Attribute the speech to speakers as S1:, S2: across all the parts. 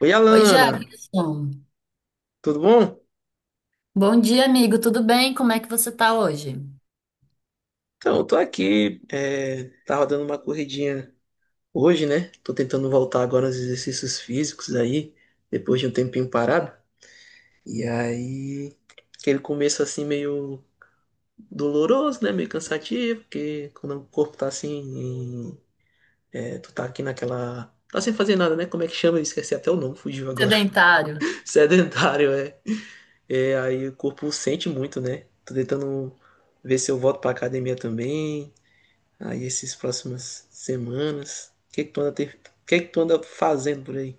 S1: Oi,
S2: Oi,
S1: Alana,
S2: Jefferson.
S1: tudo bom?
S2: Bom dia, amigo. Tudo bem? Como é que você tá hoje?
S1: Então, eu tô aqui, tava dando uma corridinha hoje, né? Tô tentando voltar agora aos exercícios físicos aí, depois de um tempinho parado. E aí, aquele começo assim meio doloroso, né? Meio cansativo, porque quando o corpo tá assim, é, tu tá aqui naquela... Tá sem fazer nada, né? Como é que chama? Eu esqueci até o nome, fugiu agora.
S2: Sedentário.
S1: Sedentário, é. É, aí o corpo sente muito, né? Tô tentando ver se eu volto pra academia também. Aí essas próximas semanas? O que é que tu anda, o que é que tu anda fazendo por aí?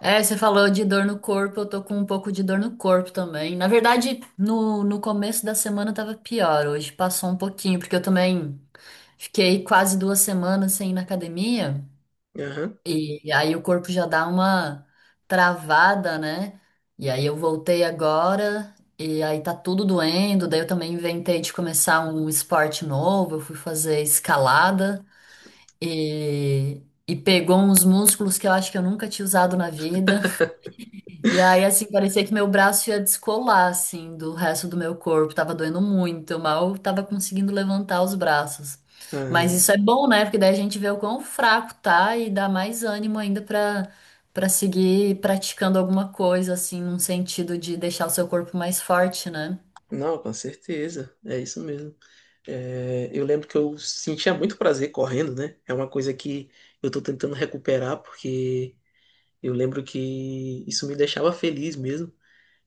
S2: É, você falou de dor no corpo, eu tô com um pouco de dor no corpo também. Na verdade, no começo da semana tava pior, hoje passou um pouquinho, porque eu também fiquei quase 2 semanas sem ir na academia,
S1: Aham.
S2: e aí o corpo já dá uma travada, né? E aí eu voltei agora, e aí tá tudo doendo, daí eu também inventei de começar um esporte novo, eu fui fazer escalada. e, e pegou uns músculos que eu acho que eu nunca tinha usado na vida. E aí, assim, parecia que meu braço ia descolar, assim, do resto do meu corpo. Tava doendo muito, eu mal tava conseguindo levantar os braços. Mas
S1: Ah,
S2: isso é bom, né? Porque daí a gente vê o quão fraco tá e dá mais ânimo ainda pra seguir praticando alguma coisa, assim, num sentido de deixar o seu corpo mais forte, né?
S1: não, com certeza. É isso mesmo. É, eu lembro que eu sentia muito prazer correndo, né? É uma coisa que eu tô tentando recuperar, porque eu lembro que isso me deixava feliz mesmo.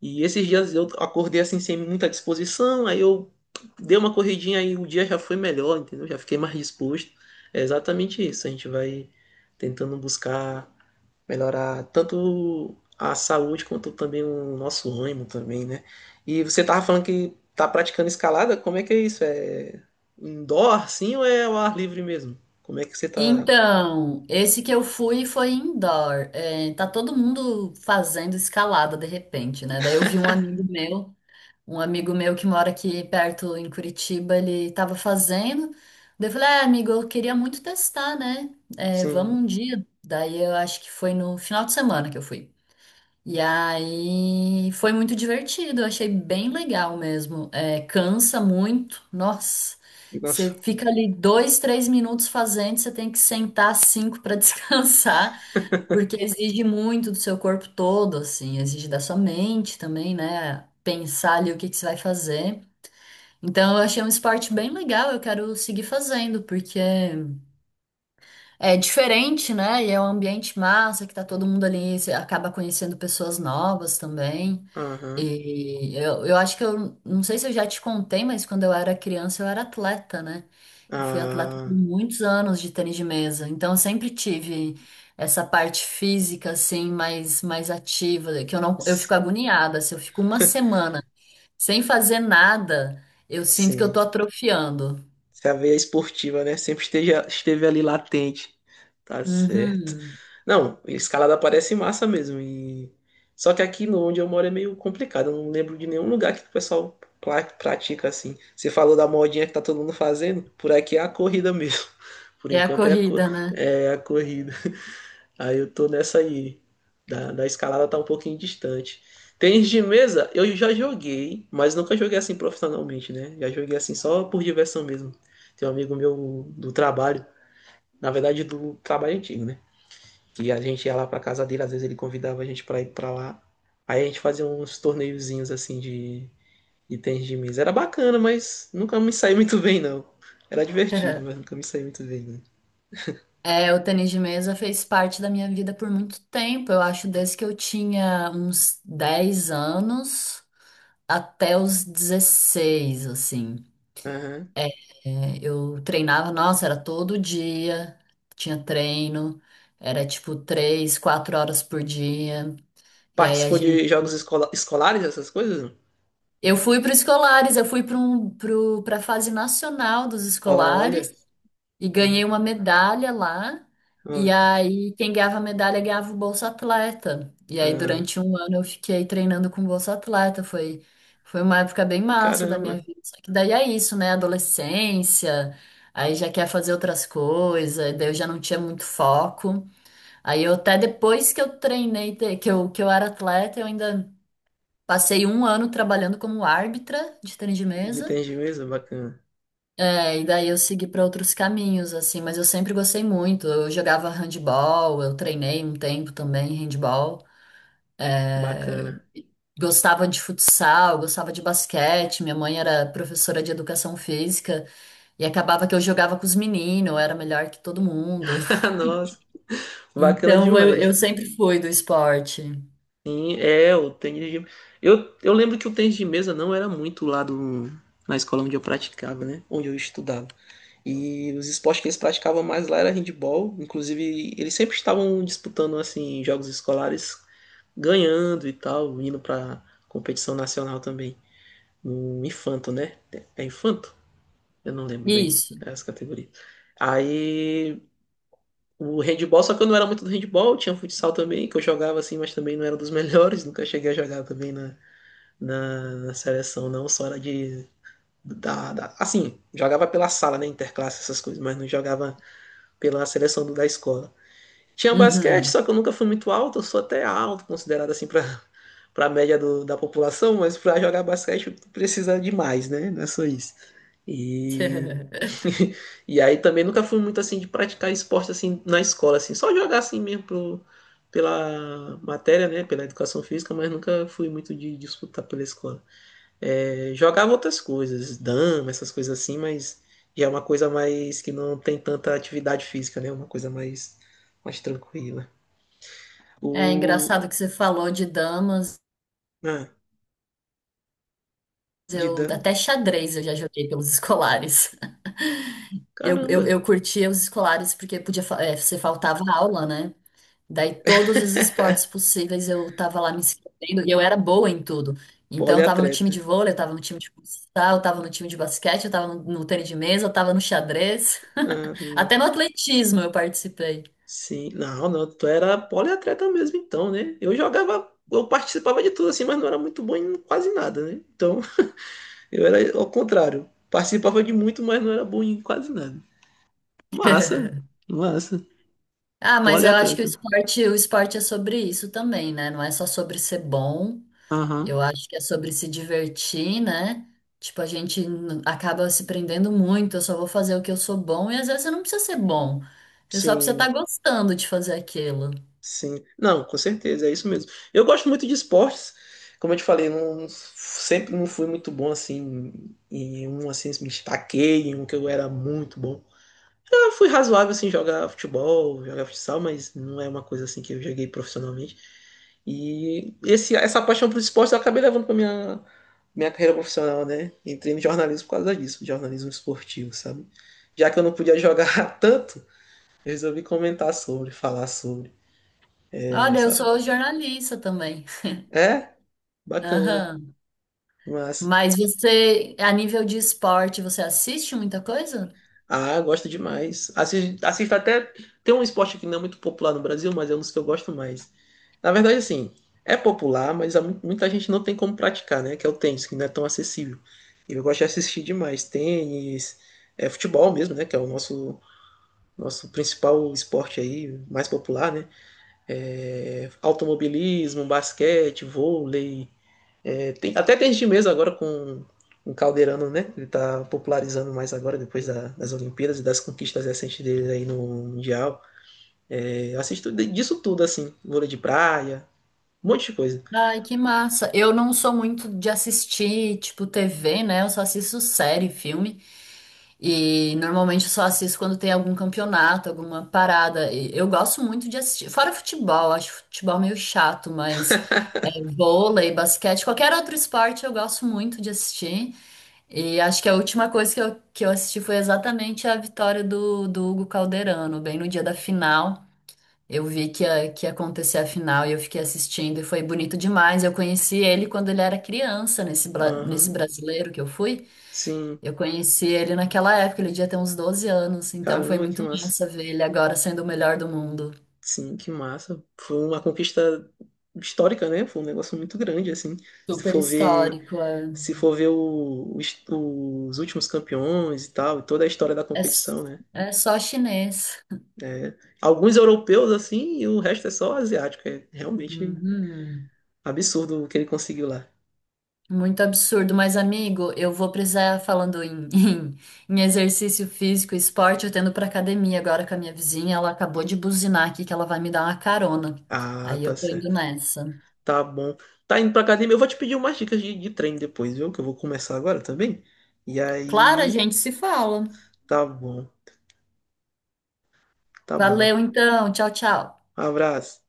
S1: E esses dias eu acordei assim sem muita disposição, aí eu dei uma corridinha e o dia já foi melhor, entendeu? Já fiquei mais disposto. É exatamente isso. A gente vai tentando buscar melhorar tanto a saúde quanto também o nosso ânimo também, né? E você tava falando que tá praticando escalada, como é que é isso? É indoor, sim, ou é ao ar livre mesmo? Como é que você tá,
S2: Então, esse que eu fui foi indoor. É, tá todo mundo fazendo escalada de repente, né? Daí eu vi um amigo meu que mora aqui perto em Curitiba, ele tava fazendo. Daí eu falei, ah, amigo, eu queria muito testar, né? É, vamos
S1: sim,
S2: um dia. Daí eu acho que foi no final de semana que eu fui. E aí foi muito divertido, eu achei bem legal mesmo. É, cansa muito, nossa. Você
S1: nossa,
S2: fica ali 2, 3 minutos fazendo, você tem que sentar cinco para descansar, porque exige muito do seu corpo todo, assim, exige da sua mente também, né? Pensar ali o que que você vai fazer. Então eu achei um esporte bem legal, eu quero seguir fazendo, porque é diferente, né? E é um ambiente massa, que tá todo mundo ali, você acaba conhecendo pessoas novas também.
S1: aham,
S2: E eu acho que eu não sei se eu já te contei, mas quando eu era criança eu era atleta, né? Eu fui atleta por
S1: ah,
S2: muitos anos de tênis de mesa, então eu sempre tive essa parte física assim mais ativa, que eu
S1: s-
S2: fico agoniada, se eu fico uma semana sem fazer nada, eu sinto que eu tô
S1: sim.
S2: atrofiando.
S1: Se a veia esportiva, né, esteve ali latente. Tá certo.
S2: Uhum.
S1: Não, escalada parece massa mesmo. E... Só que aqui no onde eu moro é meio complicado. Eu não lembro de nenhum lugar que o pessoal pratica assim. Você falou da modinha que tá todo mundo fazendo? Por aqui é a corrida mesmo. Por
S2: É a
S1: enquanto é
S2: corrida, né?
S1: é a corrida. Aí eu tô nessa aí. Da escalada tá um pouquinho distante. Tênis de mesa, eu já joguei, mas nunca joguei assim profissionalmente, né? Já joguei assim só por diversão mesmo. Tem um amigo meu do trabalho, na verdade do trabalho antigo, né? Que a gente ia lá pra casa dele, às vezes ele convidava a gente pra ir pra lá. Aí a gente fazia uns torneiozinhos assim de tênis de mesa. Era bacana, mas nunca me saiu muito bem, não. Era divertido, mas nunca me saiu muito bem, né?
S2: É, o tênis de mesa fez parte da minha vida por muito tempo. Eu acho desde que eu tinha uns 10 anos, até os 16, assim.
S1: Aham.
S2: É, eu treinava, nossa, era todo dia, tinha treino, era tipo 3, 4 horas por dia. E aí a
S1: Participou de
S2: gente.
S1: jogos escolares, essas coisas?
S2: Eu fui para escolares, eu fui para um, para a fase nacional dos escolares.
S1: Olha,
S2: E
S1: ah,
S2: ganhei uma medalha lá. E
S1: olha,
S2: aí, quem ganhava a medalha ganhava o Bolsa Atleta. E aí,
S1: ah,
S2: durante um ano, eu fiquei treinando com o Bolsa Atleta. Foi uma época bem massa da minha
S1: caramba,
S2: vida. Só que daí é isso, né? Adolescência, aí já quer fazer outras coisas, daí eu já não tinha muito foco. Aí, eu até depois que eu treinei, que eu era atleta, eu ainda passei um ano trabalhando como árbitra de tênis de
S1: de
S2: mesa.
S1: tem bacana,
S2: É, e daí eu segui para outros caminhos, assim, mas eu sempre gostei muito. Eu jogava handball, eu treinei um tempo também handball.
S1: bacana.
S2: Gostava de futsal, gostava de basquete. Minha mãe era professora de educação física e acabava que eu jogava com os meninos, eu era melhor que todo mundo.
S1: Nossa, bacana
S2: Então eu
S1: demais.
S2: sempre fui do esporte.
S1: Sim, é, o tênis de... eu lembro que o tênis de mesa não era muito lá do, na escola onde eu praticava, né? Onde eu estudava. E os esportes que eles praticavam mais lá era handebol. Inclusive, eles sempre estavam disputando, assim, jogos escolares, ganhando e tal, indo pra competição nacional também. No infanto, né? É infanto? Eu não lembro bem
S2: Isso.
S1: as categorias. Aí o handball, só que eu não era muito do handball, tinha futsal também, que eu jogava assim, mas também não era dos melhores, nunca cheguei a jogar também na seleção, não, só era de. Assim, jogava pela sala, né? Interclasse, essas coisas, mas não jogava pela seleção da escola. Tinha um basquete,
S2: Uhum.
S1: só que eu nunca fui muito alto, eu sou até alto, considerado assim pra, pra média da população, mas pra jogar basquete precisa de mais, né? Não é só isso. E e aí também nunca fui muito assim de praticar esporte assim na escola, assim, só jogar assim mesmo pela matéria, né, pela educação física, mas nunca fui muito de disputar pela escola. É, jogava outras coisas, dama, essas coisas assim, mas já é uma coisa mais que não tem tanta atividade física, né, é uma coisa mais, mais tranquila.
S2: É
S1: O...
S2: engraçado que você falou de damas,
S1: Ah, de
S2: eu
S1: dama,
S2: até xadrez eu já joguei pelos escolares. Eu, eu,
S1: caramba,
S2: eu curtia os escolares porque podia, você faltava aula, né? Daí todos os esportes possíveis eu tava lá me inscrevendo e eu era boa em tudo. Então eu tava no time de
S1: poliatleta.
S2: vôlei, eu tava no time de futsal, eu tava no time de basquete, eu tava no tênis de mesa, eu tava no xadrez.
S1: Ah, hum.
S2: Até no atletismo eu participei.
S1: Sim, não, não, tu era poliatleta mesmo então, né? Eu jogava, eu participava de tudo assim, mas não era muito bom em quase nada, né? Então, eu era ao contrário. Participava de muito, mas não era bom em quase nada. Massa, massa.
S2: Ah, mas eu acho que o
S1: Poliatleta.
S2: esporte, o esporte é sobre isso também, né? Não é só sobre ser bom. Eu
S1: Aham.
S2: acho que é sobre se divertir, né? Tipo, acaba se prendendo muito, eu só vou fazer o que eu sou bom, e às vezes você não precisa ser bom. Você só precisa estar
S1: Sim,
S2: gostando de fazer aquilo.
S1: sim. Não, com certeza, é isso mesmo. Eu gosto muito de esportes. Como eu te falei, não, sempre não fui muito bom assim em um assim, me destaquei em um que eu era muito bom. Eu fui razoável assim em jogar futebol, jogar futsal, mas não é uma coisa assim que eu joguei profissionalmente. E essa paixão por esporte eu acabei levando para minha carreira profissional, né? Entrei no jornalismo por causa disso, jornalismo esportivo, sabe? Já que eu não podia jogar tanto, eu resolvi comentar sobre, falar sobre.
S2: Olha, eu
S1: Essa...
S2: sou jornalista também.
S1: É, bacana,
S2: Aham.
S1: mas
S2: Mas você, a nível de esporte, você assiste muita coisa?
S1: ah, eu gosto demais. Assisto, assisto até. Tem um esporte que não é muito popular no Brasil, mas é um dos que eu gosto mais. Na verdade, assim, é popular, mas há muita gente não tem como praticar, né? Que é o tênis, que não é tão acessível. E eu gosto de assistir demais. Tênis, é, futebol mesmo, né? Que é o nosso, nosso principal esporte aí, mais popular, né? É, automobilismo, basquete, vôlei. É, tem até tênis de mesa agora com o Calderano, né? Ele tá popularizando mais agora, depois das Olimpíadas e das conquistas recentes dele aí no Mundial. É, eu assisto disso tudo, assim. Vôlei de praia, um monte de coisa.
S2: Ai, que massa. Eu não sou muito de assistir, tipo, TV, né? Eu só assisto série, filme. E normalmente eu só assisto quando tem algum campeonato, alguma parada. E eu gosto muito de assistir. Fora futebol, acho futebol meio chato, mas é, vôlei, basquete, qualquer outro esporte eu gosto muito de assistir. E acho que a última coisa que eu assisti foi exatamente a vitória do Hugo Calderano, bem no dia da final. Eu vi que ia acontecer a final e eu fiquei assistindo e foi bonito demais. Eu conheci ele quando ele era criança, nesse
S1: Aham.
S2: brasileiro que eu fui.
S1: Sim,
S2: Eu conheci ele naquela época, ele devia ter uns 12 anos, então foi
S1: caramba, que
S2: muito
S1: massa.
S2: massa ver ele agora sendo o melhor do mundo.
S1: Sim, que massa. Foi uma conquista histórica, né? Foi um negócio muito grande, assim. Se
S2: Super
S1: for ver,
S2: histórico. é,
S1: se for ver os últimos campeões e tal, e toda a história da
S2: é, s-
S1: competição, né?
S2: é só chinês.
S1: É, alguns europeus assim e o resto é só asiático. É realmente
S2: Uhum.
S1: absurdo o que ele conseguiu lá.
S2: Muito absurdo, mas amigo, eu vou precisar, falando em, em exercício físico, esporte, eu tendo pra academia agora com a minha vizinha, ela acabou de buzinar aqui que ela vai me dar uma carona.
S1: Ah,
S2: Aí eu
S1: tá
S2: tô indo
S1: certo.
S2: nessa.
S1: Tá bom. Tá indo pra academia. Eu vou te pedir umas dicas de treino depois, viu? Que eu vou começar agora também. E
S2: Claro, a
S1: aí,
S2: gente se fala.
S1: tá bom. Tá bom.
S2: Valeu então, tchau, tchau.
S1: Abraço.